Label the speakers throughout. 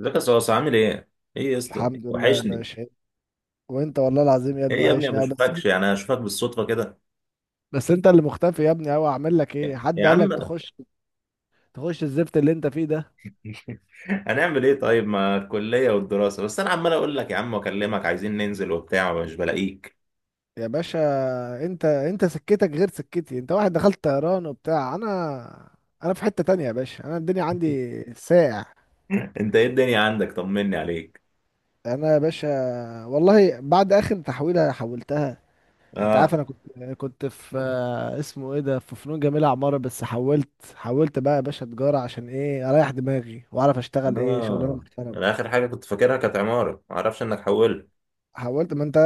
Speaker 1: ازيك يا صوص؟ عامل ايه؟ ايه يا اسطى؟
Speaker 2: الحمد لله يا
Speaker 1: وحشني.
Speaker 2: باشا. وانت والله العظيم يا ابني،
Speaker 1: ايه يا ابني، ما
Speaker 2: وحشني أوي بس.
Speaker 1: بشوفكش، يعني اشوفك بالصدفة كده.
Speaker 2: بس انت اللي مختفي يا ابني اوي، اعمل لك
Speaker 1: يا
Speaker 2: ايه؟ حد
Speaker 1: يا
Speaker 2: قال
Speaker 1: عم.
Speaker 2: لك تخش الزفت اللي انت فيه ده
Speaker 1: هنعمل ايه طيب مع الكلية والدراسة؟ بس انا عمال اقول لك يا عم واكلمك، عايزين ننزل وبتاع ومش بلاقيك.
Speaker 2: يا باشا. انت سكتك غير سكتي، انت واحد دخلت طيران وبتاع. انا في حتة تانية يا باشا، انا الدنيا عندي ساقع.
Speaker 1: انت ايه الدنيا عندك؟ طمني عليك.
Speaker 2: انا يا باشا والله بعد اخر تحويلة حولتها، انت عارف.
Speaker 1: اه
Speaker 2: انا كنت في اسمه ايه ده في فنون جميلة عمارة، بس حولت بقى يا باشا تجارة، عشان ايه؟ اريح دماغي، واعرف اشتغل ايه، شغلانة
Speaker 1: اه، انا
Speaker 2: محترمة.
Speaker 1: اخر حاجة كنت فاكرها كانت عمارة، ما اعرفش انك حولت.
Speaker 2: حاولت ما انت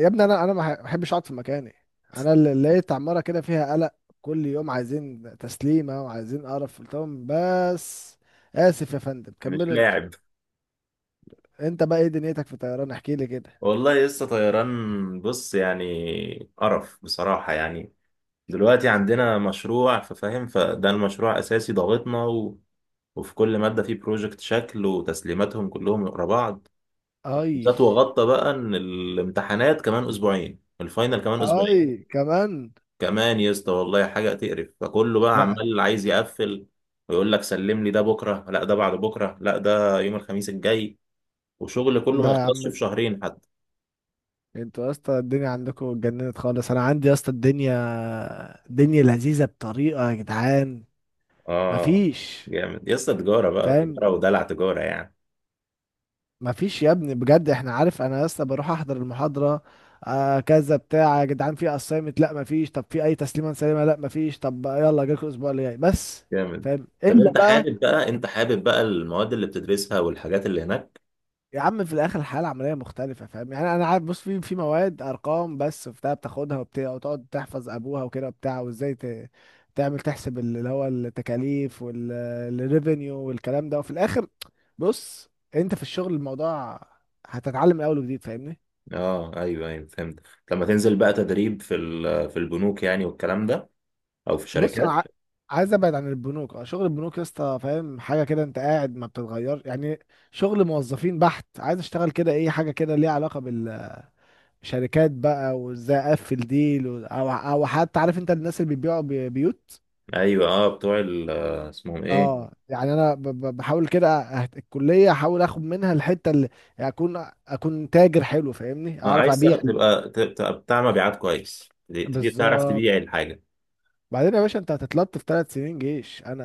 Speaker 2: يا ابني، انا ما بحبش اقعد في مكاني. انا اللي لقيت عماره كده فيها قلق، كل يوم عايزين تسليمه وعايزين قرف. قلت لهم بس، اسف يا فندم
Speaker 1: مش
Speaker 2: كملوا انتوا.
Speaker 1: لاعب.
Speaker 2: انت بقى ايه دنيتك في الطيران؟ احكي لي كده.
Speaker 1: والله لسه طيران، بص يعني قرف بصراحة يعني. دلوقتي عندنا مشروع ففاهم، فده المشروع اساسي ضاغطنا. وفي كل مادة فيه بروجكت شكل، وتسليماتهم كلهم ورا بعض
Speaker 2: اي،
Speaker 1: بالذات. وغطى بقى ان الامتحانات كمان اسبوعين، الفاينل كمان اسبوعين.
Speaker 2: اي كمان؟
Speaker 1: كمان يا اسطى، والله حاجة تقرف. فكله بقى
Speaker 2: لا
Speaker 1: عمال عايز يقفل ويقول لك سلم لي ده بكرة، لا ده بعد بكرة، لا ده يوم الخميس الجاي. وشغل كله ما
Speaker 2: لا يا
Speaker 1: يخلصش
Speaker 2: عم،
Speaker 1: في شهرين حتى.
Speaker 2: انتوا يا اسطى الدنيا عندكم اتجننت خالص. انا عندي يا اسطى، الدنيا لذيذه بطريقه يا جدعان،
Speaker 1: اه.
Speaker 2: مفيش.
Speaker 1: جامد يا اسطى. تجارة بقى،
Speaker 2: فاهم؟
Speaker 1: تجارة ودلع، تجارة يعني.
Speaker 2: ما فيش يا ابني بجد، احنا عارف انا لسه بروح احضر المحاضره، آه كذا بتاع يا جدعان. في اسايمنت؟ لا ما فيش. طب في اي تسليمه سليمه؟ لا ما فيش. طب يلا، جاكوا الاسبوع اللي جاي بس.
Speaker 1: جامد.
Speaker 2: فاهم
Speaker 1: طب
Speaker 2: الا
Speaker 1: انت
Speaker 2: بقى؟
Speaker 1: حابب بقى، انت حابب بقى المواد اللي بتدرسها والحاجات اللي هناك؟
Speaker 2: يا عم في الاخر الحياه العمليه مختلفه، فاهم يعني؟ انا عارف، بص، في مواد ارقام بس وبتاع، بتاخدها وبتاع وتقعد تحفظ ابوها وكده وبتاع، وازاي تعمل تحسب اللي هو التكاليف والريفينيو والكلام ده، وفي الاخر بص، انت في الشغل الموضوع هتتعلم من اول وجديد، فاهمني؟
Speaker 1: اه ايوه ايوه فهمت. لما تنزل بقى تدريب في في البنوك يعني والكلام ده، او في
Speaker 2: بص،
Speaker 1: شركات.
Speaker 2: عايز ابعد عن البنوك. اه شغل البنوك يا اسطى فاهم حاجه كده، انت قاعد ما بتتغير يعني، شغل موظفين بحت. عايز اشتغل كده ايه، حاجه كده ليها علاقه بالشركات بقى، وازاي اقفل ديل او حتى، عارف انت الناس اللي بيبيعوا بيوت.
Speaker 1: ايوه اه، بتوع اسمهم ايه.
Speaker 2: اه يعني انا بحاول كده، الكليه احاول اخد منها الحته اللي يعني اكون تاجر حلو، فاهمني؟
Speaker 1: اه،
Speaker 2: اعرف
Speaker 1: عايز
Speaker 2: ابيع.
Speaker 1: تبقى بتاع مبيعات كويس، تبي تعرف
Speaker 2: بالظبط.
Speaker 1: تبيع الحاجه.
Speaker 2: بعدين يا باشا انت هتتلطف في 3 سنين جيش، انا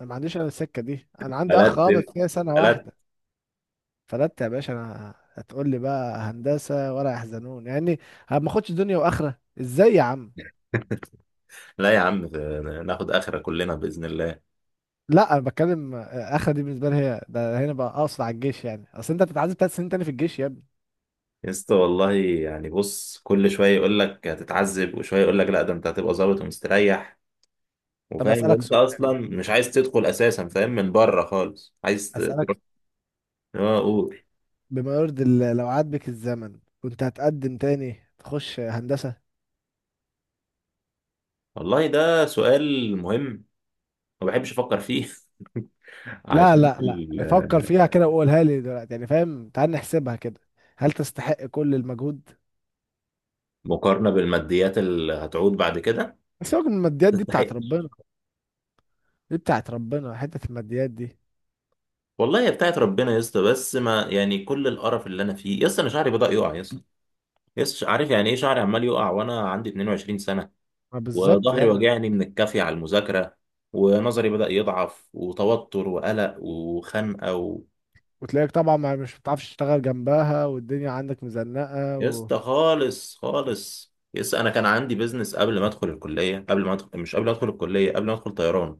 Speaker 2: انا ما عنديش، انا السكه دي انا عندي اخ
Speaker 1: بلد
Speaker 2: اه، بس
Speaker 1: بنت،
Speaker 2: هي سنه
Speaker 1: بلد.
Speaker 2: واحده فلت يا باشا، انا هتقول لي بقى هندسه ولا يحزنون يعني؟ ما اخدش دنيا واخره، ازاي يا عم؟
Speaker 1: لا يا عم، ناخد اخره كلنا باذن الله.
Speaker 2: لا انا بتكلم اخره دي بالنسبه لي هي ده هنا بقى، اقصد على الجيش يعني، اصل انت بتتعذب 3 سنين تاني في الجيش يا ابني.
Speaker 1: يسطا والله يعني بص، كل شويه يقول لك هتتعذب، وشويه يقول لك لا ده انت هتبقى ظابط ومستريح
Speaker 2: طب
Speaker 1: وفاهم،
Speaker 2: اسالك
Speaker 1: وانت
Speaker 2: سؤال،
Speaker 1: اصلا مش عايز تدخل اساسا فاهم من بره خالص، عايز ت...
Speaker 2: اسالك،
Speaker 1: اه قول.
Speaker 2: بما يرضي الله، لو عاد بك الزمن كنت هتقدم تاني تخش هندسه؟
Speaker 1: والله ده سؤال مهم، ما بحبش افكر فيه.
Speaker 2: لا
Speaker 1: عشان
Speaker 2: لا
Speaker 1: في
Speaker 2: لا، فكر فيها كده وقولها لي دلوقتي يعني، فاهم؟ تعال نحسبها كده، هل تستحق كل المجهود؟
Speaker 1: المقارنه بالماديات اللي هتعود بعد كده،
Speaker 2: سيبك من الماديات دي بتاعت
Speaker 1: تستحق.
Speaker 2: ربنا، دي بتاعت ربنا حته الماديات دي.
Speaker 1: والله هي بتاعت ربنا يا اسطى، بس ما يعني كل القرف اللي انا فيه يا اسطى. انا شعري بدأ يقع يا اسطى. يا اسطى عارف يعني ايه شعري عمال يقع وانا عندي 22 سنه.
Speaker 2: ما بالظبط يا
Speaker 1: وظهري
Speaker 2: ابني،
Speaker 1: واجعني من الكافي على المذاكره، ونظري بدأ يضعف، وتوتر وقلق وخنقه و...
Speaker 2: وتلاقيك طبعا ما مش بتعرفش تشتغل جنبها، والدنيا عندك مزنقه
Speaker 1: يا اسطى خالص خالص، يس. انا كان عندي بيزنس قبل ما ادخل الكليه، قبل ما ادخل، مش قبل ما ادخل الكليه، قبل ما ادخل طيران.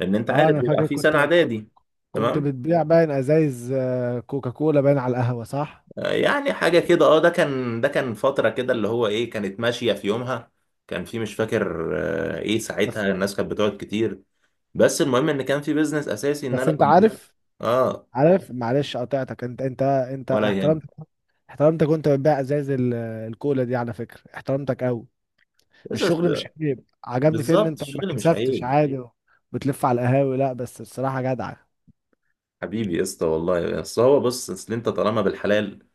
Speaker 1: لان انت
Speaker 2: اه
Speaker 1: عارف
Speaker 2: انا
Speaker 1: بيبقى
Speaker 2: فاكر،
Speaker 1: في سنه
Speaker 2: كنت كنت
Speaker 1: اعدادي،
Speaker 2: كنت
Speaker 1: تمام.
Speaker 2: بتبيع باين ازايز كوكاكولا باين على القهوه، صح؟
Speaker 1: يعني حاجه كده، اه. ده كان، ده كان فتره كده اللي هو ايه، كانت ماشيه في يومها. كان في، مش فاكر. ايه
Speaker 2: بس
Speaker 1: ساعتها الناس كانت بتقعد كتير. بس المهم ان كان في بيزنس اساسي ان
Speaker 2: بس
Speaker 1: انا
Speaker 2: انت
Speaker 1: كنت.
Speaker 2: عارف،
Speaker 1: اه.
Speaker 2: عارف معلش قطعتك، انت
Speaker 1: ولا
Speaker 2: احترمت،
Speaker 1: يهم.
Speaker 2: احترمتك وانت بتبيع ازايز الكولا دي، على فكره احترمتك قوي.
Speaker 1: بس
Speaker 2: الشغل مش عيب، عجبني فيه ان
Speaker 1: بالظبط،
Speaker 2: انت ما
Speaker 1: الشغل مش
Speaker 2: كسفتش
Speaker 1: عيب.
Speaker 2: عادي بتلف على القهاوي. لا بس الصراحه جدع،
Speaker 1: حبيبي يا اسطى والله. بس هو بص، اصل انت طالما بالحلال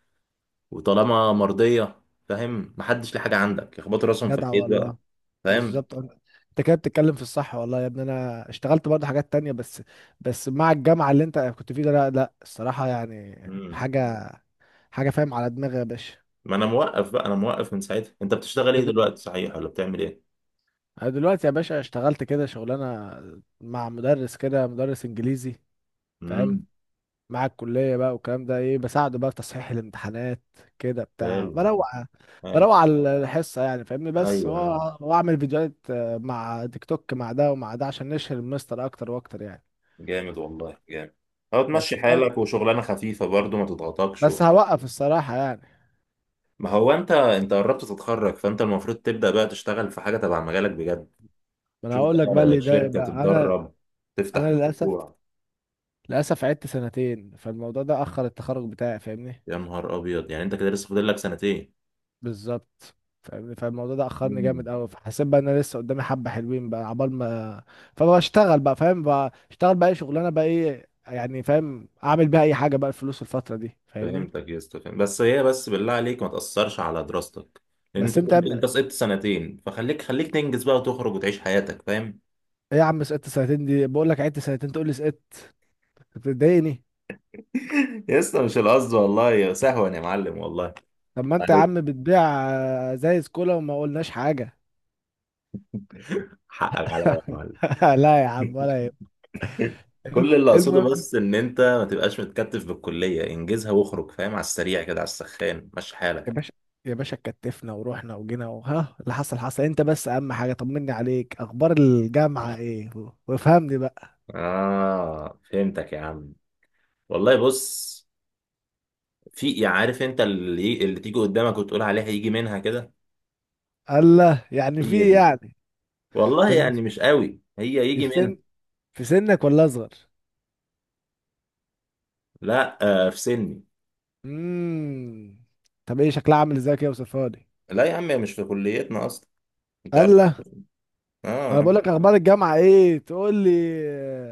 Speaker 1: وطالما مرضيه فاهم، محدش ليه حاجه عندك، يخبطوا راسهم في
Speaker 2: جدع
Speaker 1: الحيط بقى.
Speaker 2: والله.
Speaker 1: فاهم.
Speaker 2: بالظبط، انت كده بتتكلم في الصح. والله يا ابني انا اشتغلت برضه حاجات تانية بس مع الجامعة اللي انت كنت فيه ده لا لا، الصراحة يعني
Speaker 1: مم.
Speaker 2: حاجة حاجة فاهم على دماغي يا باشا.
Speaker 1: ما انا موقف بقى، انا موقف من ساعتها. انت بتشتغل ايه
Speaker 2: انت د-
Speaker 1: دلوقتي صحيح؟ ولا بتعمل ايه؟
Speaker 2: انا دلوقتي يا باشا اشتغلت كده شغلانة مع مدرس كده، مدرس انجليزي، فاهم؟
Speaker 1: امم.
Speaker 2: مع الكلية بقى والكلام ده ايه، بساعده بقى في تصحيح الامتحانات كده بتاع،
Speaker 1: حلو
Speaker 2: بروق
Speaker 1: حلو.
Speaker 2: بروق على الحصة يعني فاهمني. بس
Speaker 1: ايوه آه.
Speaker 2: واعمل فيديوهات مع تيك توك مع ده ومع ده، عشان نشهر المستر اكتر واكتر يعني.
Speaker 1: جامد والله، جامد. هو تمشي
Speaker 2: بس فاهم،
Speaker 1: حالك، وشغلانه خفيفه برضو ما تضغطكش
Speaker 2: بس
Speaker 1: وبتاع.
Speaker 2: هوقف الصراحة يعني.
Speaker 1: ما هو انت قربت تتخرج، فانت المفروض تبدا بقى تشتغل في حاجه تبع مجالك بجد.
Speaker 2: ما انا
Speaker 1: تشوف
Speaker 2: هقول لك بقى اللي
Speaker 1: بقى
Speaker 2: يضايق
Speaker 1: شركه
Speaker 2: بقى انا
Speaker 1: تتدرب، تفتح
Speaker 2: انا للاسف
Speaker 1: مشروع.
Speaker 2: للاسف عدت سنتين، فالموضوع ده اخر التخرج بتاعي، فاهمني؟
Speaker 1: يا نهار ابيض، يعني انت كده لسه فاضل لك سنتين.
Speaker 2: بالظبط. فاهمني، فالموضوع ده اخرني جامد
Speaker 1: مم.
Speaker 2: قوي، فحسيت بقى ان انا لسه قدامي حبة حلوين بقى عبال ما. فبشتغل بقى، فاهم، بشتغل بقى اي شغلانة بقى، ايه يعني فاهم، اعمل بيها اي حاجة بقى، الفلوس الفترة دي، فاهمني؟
Speaker 1: فهمتك يا اسطى، فاهم. بس هي بس بالله عليك ما تأثرش على دراستك، لأن أنت
Speaker 2: بس انت يا
Speaker 1: قلت
Speaker 2: ابني،
Speaker 1: أنت سقطت سنتين، فخليك، خليك تنجز بقى وتخرج وتعيش حياتك، فاهم.
Speaker 2: ايه يا عم سقطت سنتين؟ دي بقول لك عدت سنتين تقول لي سقطت! بتضايقني.
Speaker 1: يا اسطى مش القصد والله، يا سهوا يا معلم والله،
Speaker 2: طب ما انت يا عم
Speaker 1: عليك،
Speaker 2: بتبيع زي سكولا وما قلناش حاجة.
Speaker 1: حقك عليا يا معلم.
Speaker 2: لا يا عم ولا يهمك.
Speaker 1: كل اللي أقصده
Speaker 2: المهم،
Speaker 1: بس إن أنت ما تبقاش متكتف بالكلية، انجزها واخرج، فاهم، على السريع كده، على السخان مش
Speaker 2: يا
Speaker 1: حالك.
Speaker 2: باشا، يا باشا كتفنا ورحنا وجينا، وها اللي حصل حصل. انت بس اهم حاجه طمني عليك، اخبار الجامعه ايه وافهمني بقى.
Speaker 1: آه فهمتك يا عم. والله بص، في، عارف أنت اللي تيجي قدامك وتقول عليها يجي منها،
Speaker 2: الله، يعني في إيه
Speaker 1: كده.
Speaker 2: يعني؟
Speaker 1: والله
Speaker 2: طب دي
Speaker 1: يعني مش قوي، هي
Speaker 2: دي
Speaker 1: يجي منها.
Speaker 2: في سنك ولا اصغر؟
Speaker 1: لا. آه في سني.
Speaker 2: امم. طب ايه شكلها عامل ازاي كده؟ وصفها لي.
Speaker 1: لا يا عم، هي مش في كليتنا اصلا، انت عارف.
Speaker 2: الله! ما انا
Speaker 1: اه.
Speaker 2: بقول لك اخبار الجامعه ايه تقول لي،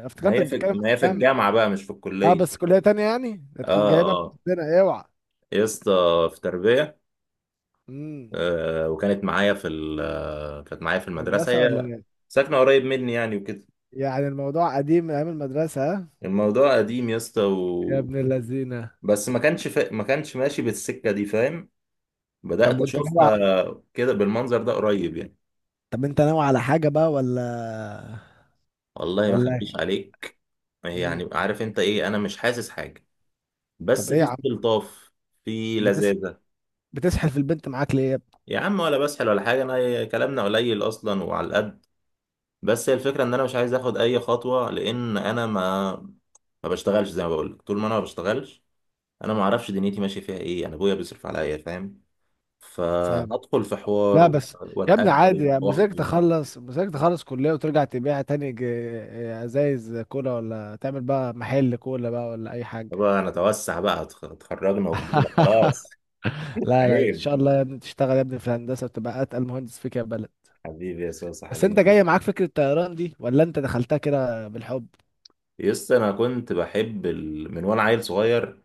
Speaker 2: اه،
Speaker 1: ما
Speaker 2: افتكرتك
Speaker 1: هي في،
Speaker 2: بتتكلم
Speaker 1: ما
Speaker 2: عن
Speaker 1: هي في
Speaker 2: الجامعه.
Speaker 1: الجامعه بقى مش في
Speaker 2: اه
Speaker 1: الكليه.
Speaker 2: بس كليه تانية يعني؟
Speaker 1: اه.
Speaker 2: هتكون جايبها من
Speaker 1: اه
Speaker 2: عندنا اوعى!
Speaker 1: يا اسطى، في تربيه.
Speaker 2: امم.
Speaker 1: آه، وكانت معايا في ال آه، كانت معايا في المدرسه
Speaker 2: مدرسه ولا
Speaker 1: هي،
Speaker 2: إيه؟
Speaker 1: ساكنه قريب مني يعني وكده.
Speaker 2: يعني الموضوع قديم من ايام المدرسة، ها؟
Speaker 1: الموضوع قديم يا اسطى
Speaker 2: يا
Speaker 1: و...
Speaker 2: ابن اللذينة.
Speaker 1: بس ما كانش ماشي بالسكه دي، فاهم.
Speaker 2: طب
Speaker 1: بدات
Speaker 2: وانت ناوي
Speaker 1: اشوفها
Speaker 2: ع-
Speaker 1: كده بالمنظر ده قريب يعني.
Speaker 2: طب انت ناوي على حاجة بقى ولا
Speaker 1: والله ما
Speaker 2: ولا
Speaker 1: اخبيش عليك،
Speaker 2: مم.
Speaker 1: يعني عارف انت ايه؟ انا مش حاسس حاجه،
Speaker 2: طب
Speaker 1: بس
Speaker 2: ايه
Speaker 1: في
Speaker 2: يا عم،
Speaker 1: استلطاف، في
Speaker 2: بتس...
Speaker 1: لذاذة.
Speaker 2: بتسحل في البنت معاك ليه يا ابني؟
Speaker 1: يا عم ولا بسحل ولا حاجة، أنا كلامنا قليل أصلا وعلى القد. بس هي الفكرة إن أنا مش عايز آخد أي خطوة، لأن أنا ما، ما بشتغلش زي ما بقول لك. طول ما أنا ما بشتغلش، أنا ما أعرفش دنيتي ماشية فيها إيه. أنا أبويا بيصرف عليا فاهم،
Speaker 2: فاهم.
Speaker 1: فهدخل في حوار
Speaker 2: لا بس يا ابني عادي،
Speaker 1: وأتقدم
Speaker 2: يا
Speaker 1: وأخطب.
Speaker 2: مزاجك تخلص كلية وترجع تبيع تاني ازايز كولا، ولا تعمل بقى محل كولا بقى، ولا اي حاجة.
Speaker 1: طبعا أنا أتوسع بقى، اتخرجنا وفضلنا خلاص.
Speaker 2: لا لا، ان
Speaker 1: عيب.
Speaker 2: شاء الله يا ابني تشتغل يا ابني في الهندسة، وتبقى اتقل مهندس فيك يا بلد.
Speaker 1: حبيبي يا سوسة،
Speaker 2: بس انت
Speaker 1: حبيبي.
Speaker 2: جاي معاك فكرة الطيران دي، ولا انت دخلتها كده بالحب؟
Speaker 1: يس، أنا كنت بحب من وأنا عيل صغير،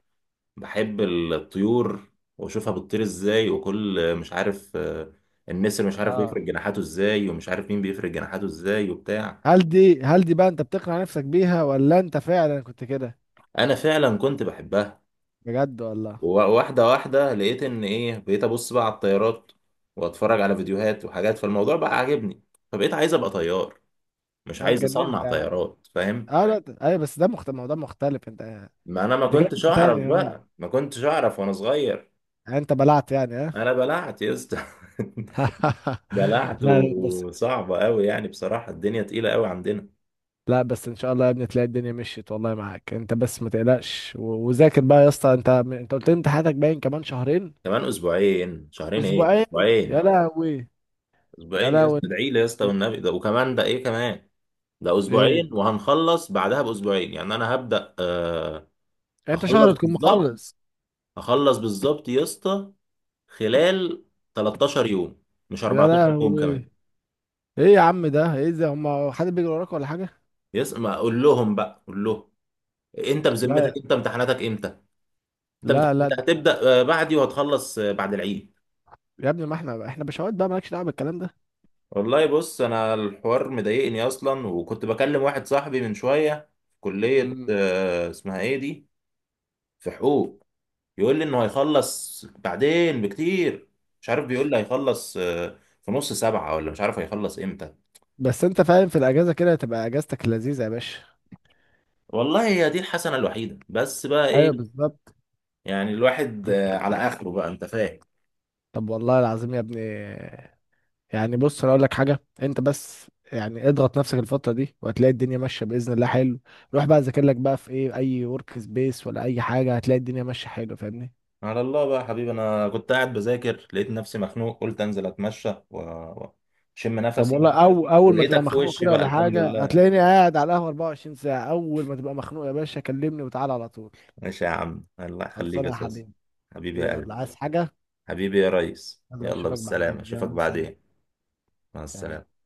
Speaker 1: بحب الطيور واشوفها بتطير ازاي، وكل مش عارف، النسر مش عارف بيفرد
Speaker 2: اه،
Speaker 1: جناحاته ازاي، ومش عارف مين بيفرد جناحاته ازاي وبتاع.
Speaker 2: هل دي بقى انت بتقنع نفسك بيها ولا انت فعلا كنت كده؟
Speaker 1: انا فعلا كنت بحبها.
Speaker 2: بجد والله؟
Speaker 1: وواحده واحده لقيت ان ايه، بقيت ابص بقى على الطيارات، واتفرج على فيديوهات وحاجات، فالموضوع بقى عاجبني. فبقيت عايز ابقى طيار، مش
Speaker 2: ده
Speaker 1: عايز
Speaker 2: اتجننت
Speaker 1: اصنع
Speaker 2: يعني.
Speaker 1: طيارات فاهم.
Speaker 2: اه لا ايوه، بس ده مختلف، موضوع مختلف انت.
Speaker 1: ما انا ما
Speaker 2: انت كده
Speaker 1: كنتش
Speaker 2: كنت
Speaker 1: اعرف
Speaker 2: تاني؟ اه،
Speaker 1: بقى، ما كنتش اعرف وانا صغير.
Speaker 2: يعني انت بلعت يعني؟ اه.
Speaker 1: انا بلعت يا اسطى. بلعت
Speaker 2: لا لا بس،
Speaker 1: وصعبه قوي يعني بصراحه، الدنيا تقيله قوي عندنا.
Speaker 2: لا بس ان شاء الله يا ابني تلاقي الدنيا مشيت، والله معاك انت بس ما تقلقش وذاكر بقى يا اسطى. انت قلت لي امتحاناتك باين كمان شهرين،
Speaker 1: كمان اسبوعين، شهرين ايه،
Speaker 2: اسبوعين؟ يا
Speaker 1: اسبوعين.
Speaker 2: لهوي. يا
Speaker 1: اسبوعين يا اسطى،
Speaker 2: لهوي،
Speaker 1: ادعي لي يا اسطى
Speaker 2: ايه؟
Speaker 1: والنبي. ده وكمان ده ايه كمان، ده
Speaker 2: إيه؟
Speaker 1: اسبوعين وهنخلص بعدها باسبوعين، يعني انا هبدأ آه.
Speaker 2: انت شهر
Speaker 1: هخلص
Speaker 2: تكون
Speaker 1: بالظبط،
Speaker 2: مخلص؟
Speaker 1: هخلص بالظبط يا اسطى، خلال 13 يوم، مش
Speaker 2: يا
Speaker 1: 14 يوم
Speaker 2: لهوي.
Speaker 1: كمان.
Speaker 2: ايه يا عم، ده ايه ده، هم حد بيجري وراك ولا حاجه؟
Speaker 1: يس، ما اقول لهم بقى، قول لهم. انت بذمتك
Speaker 2: لا
Speaker 1: انت امتحاناتك امتى؟ انت
Speaker 2: لا لا
Speaker 1: امتحاناتك هتبدأ بعدي، وهتخلص بعد العيد.
Speaker 2: يا ابني، ما احنا بشوات بقى، مالكش دعوه بالكلام ده.
Speaker 1: والله بص، انا الحوار مضايقني اصلا. وكنت بكلم واحد صاحبي من شويه في كليه
Speaker 2: مم.
Speaker 1: اسمها ايه دي، في حقوق. يقول لي انه هيخلص بعدين بكتير، مش عارف بيقول لي هيخلص في نص سبعة ولا مش عارف هيخلص امتى.
Speaker 2: بس انت فاهم، في الاجازه كده تبقى اجازتك اللذيذه يا باشا.
Speaker 1: والله هي دي الحسنه الوحيده بس بقى
Speaker 2: ايوه
Speaker 1: ايه.
Speaker 2: بالظبط.
Speaker 1: يعني الواحد على اخره بقى، انت فاهم.
Speaker 2: طب والله العظيم يا ابني، يعني بص انا اقول لك حاجه، انت بس يعني اضغط نفسك الفتره دي، وهتلاقي الدنيا ماشيه باذن الله، حلو؟ روح بقى ذاكر لك بقى في ايه، اي ورك سبيس ولا اي حاجه، هتلاقي الدنيا ماشيه حلو، فاهمني؟
Speaker 1: على الله بقى يا حبيبي، انا كنت قاعد بذاكر لقيت نفسي مخنوق، قلت انزل اتمشى واشم
Speaker 2: طب
Speaker 1: نفسي،
Speaker 2: والله، أول ما تبقى
Speaker 1: ولقيتك في
Speaker 2: مخنوق
Speaker 1: وشي
Speaker 2: كده
Speaker 1: بقى،
Speaker 2: ولا
Speaker 1: الحمد
Speaker 2: حاجة،
Speaker 1: لله.
Speaker 2: هتلاقيني قاعد على القهوة 24 ساعة، أول ما تبقى مخنوق يا باشا كلمني وتعالى على طول.
Speaker 1: ماشي يا عم، الله يخليك
Speaker 2: خلصانة
Speaker 1: يا
Speaker 2: يا
Speaker 1: صوص.
Speaker 2: حبيبي.
Speaker 1: حبيبي يا
Speaker 2: يلا،
Speaker 1: قلبي.
Speaker 2: عايز حاجة؟
Speaker 1: حبيبي يا ريس،
Speaker 2: يلا
Speaker 1: يلا
Speaker 2: أشوفك
Speaker 1: بالسلامة
Speaker 2: بعدين،
Speaker 1: اشوفك
Speaker 2: يلا سلام.
Speaker 1: بعدين. مع
Speaker 2: سلام.
Speaker 1: السلامة.